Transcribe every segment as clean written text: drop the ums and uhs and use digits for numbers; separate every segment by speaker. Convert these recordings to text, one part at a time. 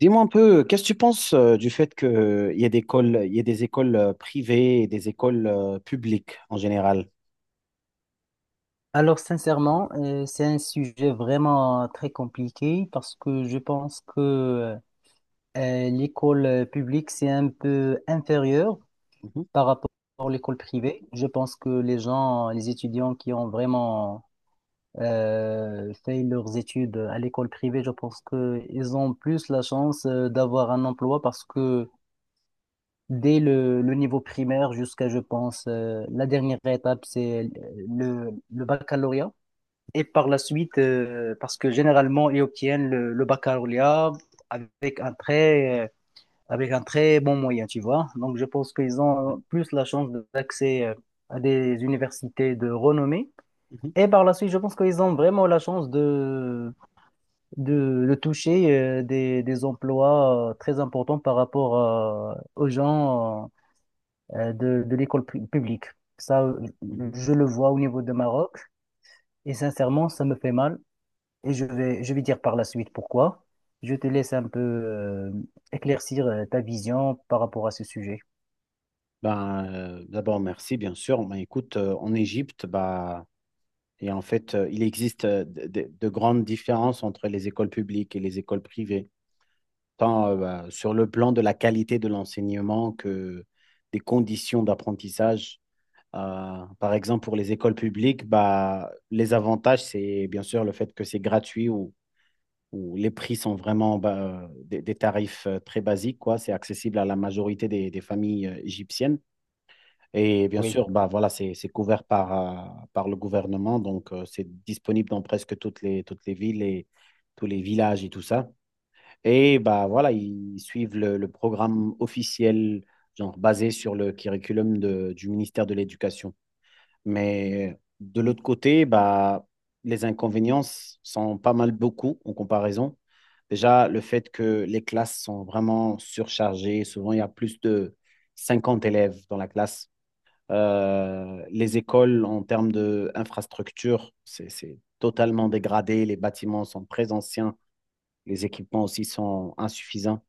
Speaker 1: Dis-moi un peu, qu'est-ce que tu penses du fait qu'il y a des écoles, il y a des écoles privées et des écoles publiques en général?
Speaker 2: Alors, sincèrement, c'est un sujet vraiment très compliqué parce que je pense que l'école publique, c'est un peu inférieur
Speaker 1: Mhm,
Speaker 2: par rapport à l'école privée. Je pense que les gens, les étudiants qui ont vraiment fait leurs études à l'école privée, je pense qu'ils ont plus la chance d'avoir un emploi parce que dès le niveau primaire jusqu'à, je pense, la dernière étape, c'est le baccalauréat. Et par la suite, parce que généralement, ils obtiennent le baccalauréat avec avec un très bon moyen, tu vois. Donc, je pense qu'ils ont plus la chance d'accès à des universités de renommée.
Speaker 1: mhm,
Speaker 2: Et par la suite, je pense qu'ils ont vraiment la chance de toucher des emplois très importants par rapport aux gens de l'école publique. Ça, euh,
Speaker 1: mhm.
Speaker 2: je le vois au niveau de Maroc. Et sincèrement, ça me fait mal et je vais dire par la suite pourquoi. Je te laisse un peu éclaircir ta vision par rapport à ce sujet.
Speaker 1: D'abord, merci, bien sûr. Ben, écoute, en Égypte, et en fait, il existe de grandes différences entre les écoles publiques et les écoles privées, tant sur le plan de la qualité de l'enseignement que des conditions d'apprentissage. Par exemple, pour les écoles publiques, bah, les avantages, c'est bien sûr le fait que c'est gratuit ou les prix sont vraiment bah, des tarifs très basiques, quoi. C'est accessible à la majorité des familles égyptiennes. Et bien
Speaker 2: Oui,
Speaker 1: sûr, bah, voilà, c'est couvert par, par le gouvernement, donc c'est disponible dans presque toutes les villes et tous les villages et tout ça. Et bah, voilà, ils suivent le programme officiel, genre basé sur le curriculum du ministère de l'Éducation. Mais de l'autre côté, bah, les inconvénients sont pas mal beaucoup en comparaison. Déjà, le fait que les classes sont vraiment surchargées. Souvent, il y a plus de 50 élèves dans la classe. Les écoles, en termes d'infrastructure, c'est totalement dégradé. Les bâtiments sont très anciens. Les équipements aussi sont insuffisants.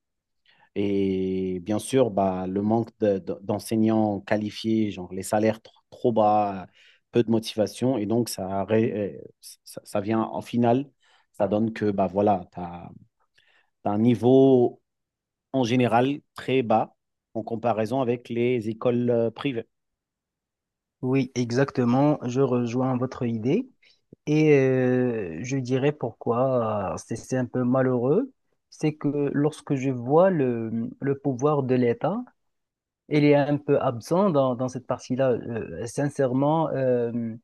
Speaker 1: Et bien sûr, bah, le manque d'enseignants qualifiés, genre les salaires trop bas, peu de motivation. Et donc, ça vient en finale, ça donne que bah, voilà, tu as, un niveau en général très bas en comparaison avec les écoles privées.
Speaker 2: oui, exactement. Je rejoins votre idée et je dirais pourquoi c'est un peu malheureux. C'est que lorsque je vois le pouvoir de l'État, il est un peu absent dans cette partie-là. Sincèrement,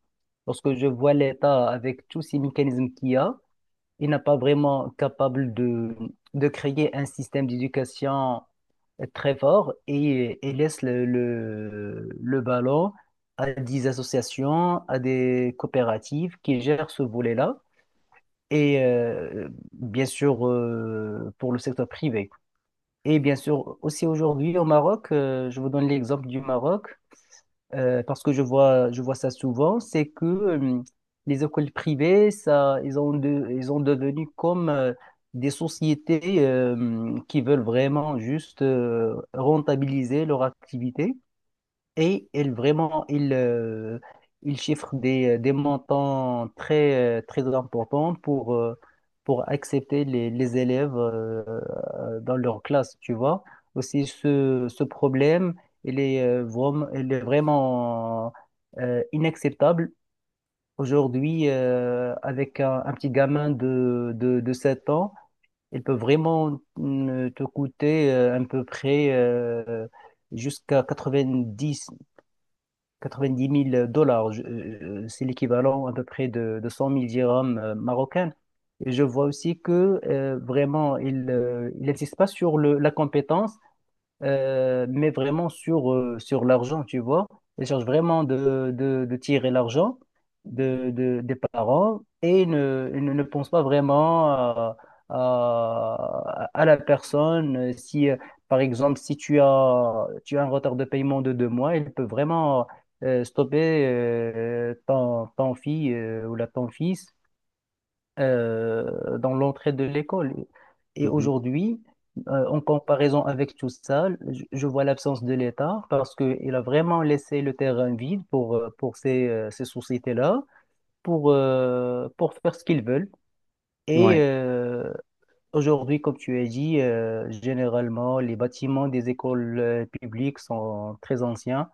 Speaker 2: lorsque je vois l'État avec tous ces mécanismes qu'il y a, il n'a pas vraiment capable de créer un système d'éducation très fort et laisse le ballon à des associations, à des coopératives qui gèrent ce volet-là. Et bien sûr, pour le secteur privé. Et bien sûr, aussi aujourd'hui au Maroc, je vous donne l'exemple du Maroc parce que je vois ça souvent, c'est que les écoles privées, ça, ils ont devenu comme des sociétés qui veulent vraiment juste rentabiliser leur activité. Et il chiffre des montants très importants pour accepter les élèves dans leur classe, tu vois. Aussi, ce problème, il est vraiment inacceptable. Aujourd'hui, avec un petit gamin de 7 ans, il peut vraiment te coûter à peu près jusqu'à dix 90 000 dollars, c'est l'équivalent à peu près de 100 000 dirhams marocaines. Et je vois aussi que vraiment, il insiste pas sur la compétence, mais vraiment sur l'argent, tu vois. Ils cherchent vraiment de tirer l'argent des parents et ne pensent pas vraiment à la personne. Si, Par exemple, si tu as un retard de paiement de 2 mois, il peut vraiment stopper ton fille ou la ton fils dans l'entrée de l'école. Et
Speaker 1: Mhm.
Speaker 2: aujourd'hui, en comparaison avec tout ça, je vois l'absence de l'État parce qu'il a vraiment laissé le terrain vide pour ces sociétés-là, pour faire ce qu'ils veulent. Et
Speaker 1: Ouais,
Speaker 2: euh, Aujourd'hui, comme tu as dit, généralement, les bâtiments des écoles publiques sont très anciens.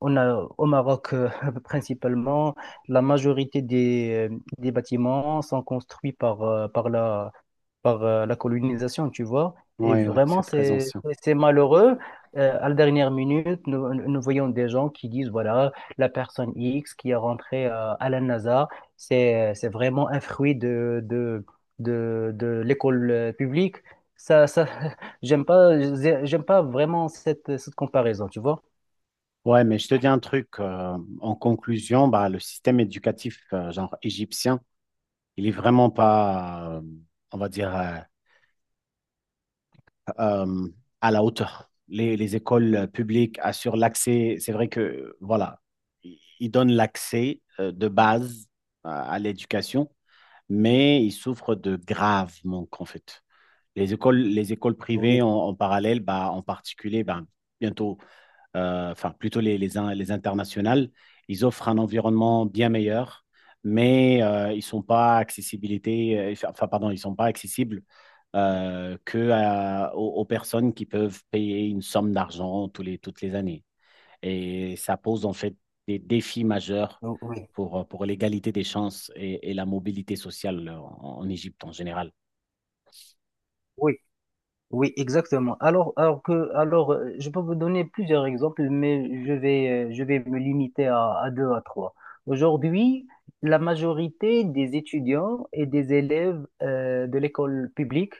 Speaker 2: On a au Maroc principalement, la majorité des bâtiments sont construits par, par la colonisation, tu vois. Et
Speaker 1: ouais, ouais,
Speaker 2: vraiment,
Speaker 1: c'est très
Speaker 2: c'est
Speaker 1: ancien.
Speaker 2: c'est c'est malheureux. À la dernière minute, nous voyons des gens qui disent, voilà, la personne X qui est rentrée à la NASA, c'est vraiment un fruit de l'école publique. Ça, ça, j'aime pas, j'aime pas vraiment cette comparaison, tu vois.
Speaker 1: Ouais, mais je te dis un truc, en conclusion, bah, le système éducatif, genre égyptien, il est vraiment pas, on va dire, euh, à la hauteur. Les écoles publiques assurent l'accès. C'est vrai que, voilà, ils donnent l'accès de base à l'éducation, mais ils souffrent de graves manques, en fait. Les écoles
Speaker 2: Oui,
Speaker 1: privées en, en parallèle, bah, en particulier, bah, bientôt, enfin plutôt les internationales, ils offrent un environnement bien meilleur, mais ils sont pas accessibilité, enfin, pardon, ils sont pas accessibles que aux, aux personnes qui peuvent payer une somme d'argent tous les, toutes les années. Et ça pose en fait des défis majeurs
Speaker 2: oui.
Speaker 1: pour l'égalité des chances et la mobilité sociale en, en Égypte en général.
Speaker 2: Oui, oui, exactement. Alors, je peux vous donner plusieurs exemples, mais je vais me limiter à 2, à 3. Aujourd'hui, la majorité des étudiants et des élèves de l'école publique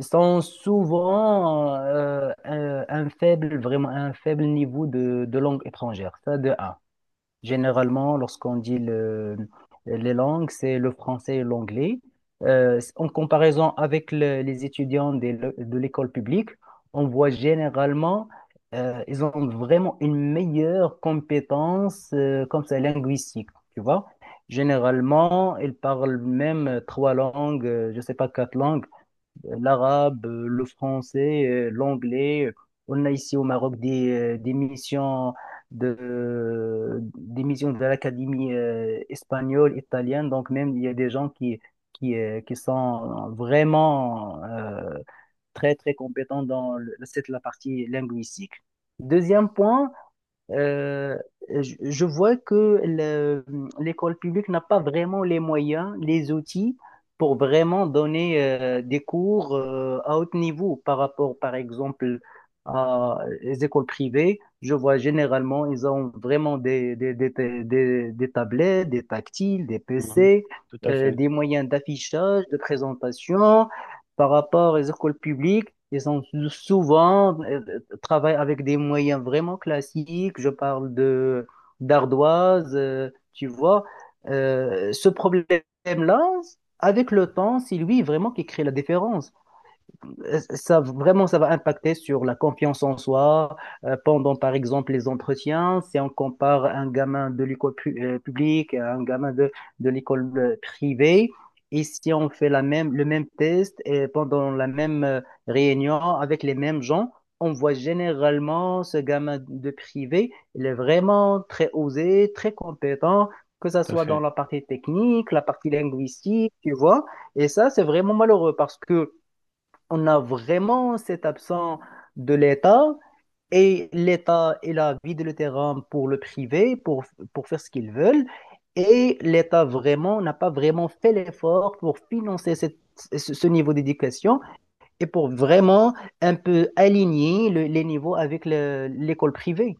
Speaker 2: sont souvent vraiment un faible niveau de langue étrangère. Ça, de un. Généralement, lorsqu'on dit les langues, c'est le français et l'anglais. En comparaison avec les étudiants de l'école publique, on voit généralement, ils ont vraiment une meilleure compétence, comme ça, linguistique, tu vois. Généralement, ils parlent même 3 langues, je ne sais pas, 4 langues l'arabe, le français, l'anglais. On a ici au Maroc euh, des missions des missions de l'Académie espagnole, italienne. Donc même, il y a des gens qui sont vraiment très compétents dans la partie linguistique. Deuxième point, euh, je vois que l'école publique n'a pas vraiment les moyens, les outils pour vraiment donner des cours à haut niveau par rapport, par exemple, à les écoles privées. Je vois généralement, ils ont vraiment des tablettes, des tactiles, des
Speaker 1: Mhm.
Speaker 2: PC,
Speaker 1: Tout à fait,
Speaker 2: des moyens d'affichage, de présentation par rapport aux écoles publiques, ils ont souvent travaillent avec des moyens vraiment classiques. Je parle de d'ardoise, tu vois. Ce problème-là, avec le temps, c'est lui vraiment qui crée la différence. Ça vraiment ça va impacter sur la confiance en soi pendant par exemple les entretiens. Si on compare un gamin de l'école publique à un gamin de l'école privée et si on fait la même le même test et pendant la même réunion avec les mêmes gens, on voit généralement ce gamin de privé, il est vraiment très osé, très compétent, que ça
Speaker 1: tout à
Speaker 2: soit dans
Speaker 1: fait.
Speaker 2: la partie technique, la partie linguistique, tu vois. Et ça, c'est vraiment malheureux parce que on a vraiment cette absence de l'État, et l'État, il a vidé le terrain pour le privé, pour faire ce qu'ils veulent. Et l'État vraiment n'a pas vraiment fait l'effort pour financer ce niveau d'éducation et pour vraiment un peu aligner les niveaux avec l'école privée.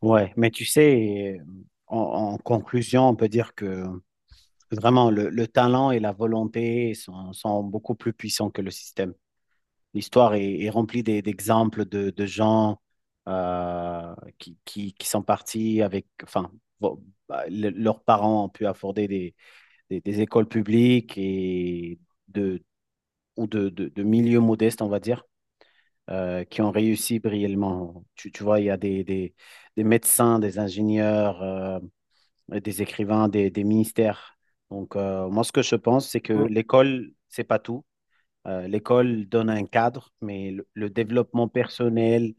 Speaker 1: Ouais, mais tu sais, en, en conclusion, on peut dire que vraiment, le talent et la volonté sont, sont beaucoup plus puissants que le système. L'histoire est, est remplie d'exemples de gens qui sont partis avec, enfin, bon, bah, leurs parents ont pu afforder des, des écoles publiques et de, ou de milieux modestes, on va dire, qui ont réussi brillamment. Tu vois, il y a des médecins, des ingénieurs. Des écrivains, des ministères. Donc, moi, ce que je pense, c'est que
Speaker 2: Oui,
Speaker 1: l'école, c'est pas tout. L'école donne un cadre, mais le développement personnel,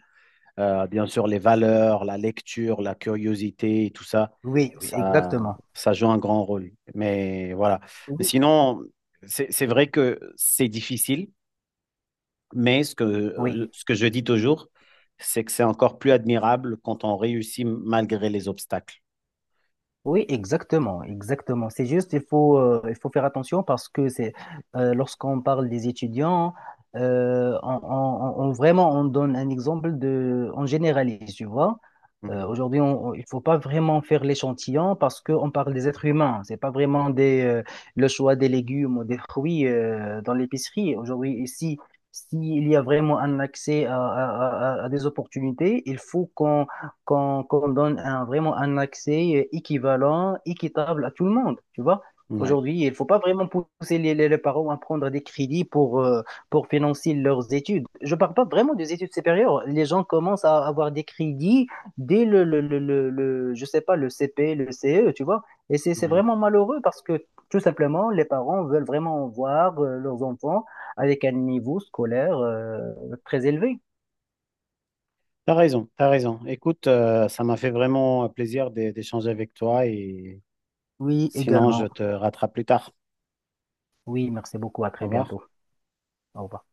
Speaker 1: bien sûr, les valeurs, la lecture, la curiosité et tout ça,
Speaker 2: oui, oui,
Speaker 1: ça,
Speaker 2: exactement.
Speaker 1: ça joue un grand rôle. Mais voilà. Mais
Speaker 2: Oui,
Speaker 1: sinon, c'est vrai que c'est difficile mais
Speaker 2: oui.
Speaker 1: ce que je dis toujours, c'est que c'est encore plus admirable quand on réussit malgré les obstacles.
Speaker 2: Oui, exactement, exactement. C'est juste, il faut faire attention parce que c'est lorsqu'on parle des étudiants, vraiment on donne un exemple de, on généralise, tu vois.
Speaker 1: Mhm.
Speaker 2: Aujourd'hui, il faut pas vraiment faire l'échantillon parce qu'on parle des êtres humains. C'est pas vraiment le choix des légumes ou des fruits dans l'épicerie. Aujourd'hui, ici, s'il y a vraiment un accès à des opportunités, il faut qu'on donne vraiment un accès équivalent, équitable à tout le monde. Tu vois?
Speaker 1: Ouais,
Speaker 2: Aujourd'hui, il faut pas vraiment pousser les parents à prendre des crédits pour financer leurs études. Je parle pas vraiment des études supérieures. Les gens commencent à avoir des crédits dès je sais pas, le CP, le CE, tu vois. Et c'est
Speaker 1: ouais.
Speaker 2: vraiment malheureux parce que tout simplement, les parents veulent vraiment voir leurs enfants avec un niveau scolaire très élevé.
Speaker 1: T'as raison, t'as raison. Écoute, ça m'a fait vraiment plaisir d'échanger avec toi et
Speaker 2: Oui,
Speaker 1: sinon je
Speaker 2: également.
Speaker 1: te rattrape plus tard.
Speaker 2: Oui, merci beaucoup. À
Speaker 1: Au
Speaker 2: très
Speaker 1: revoir.
Speaker 2: bientôt. Au revoir.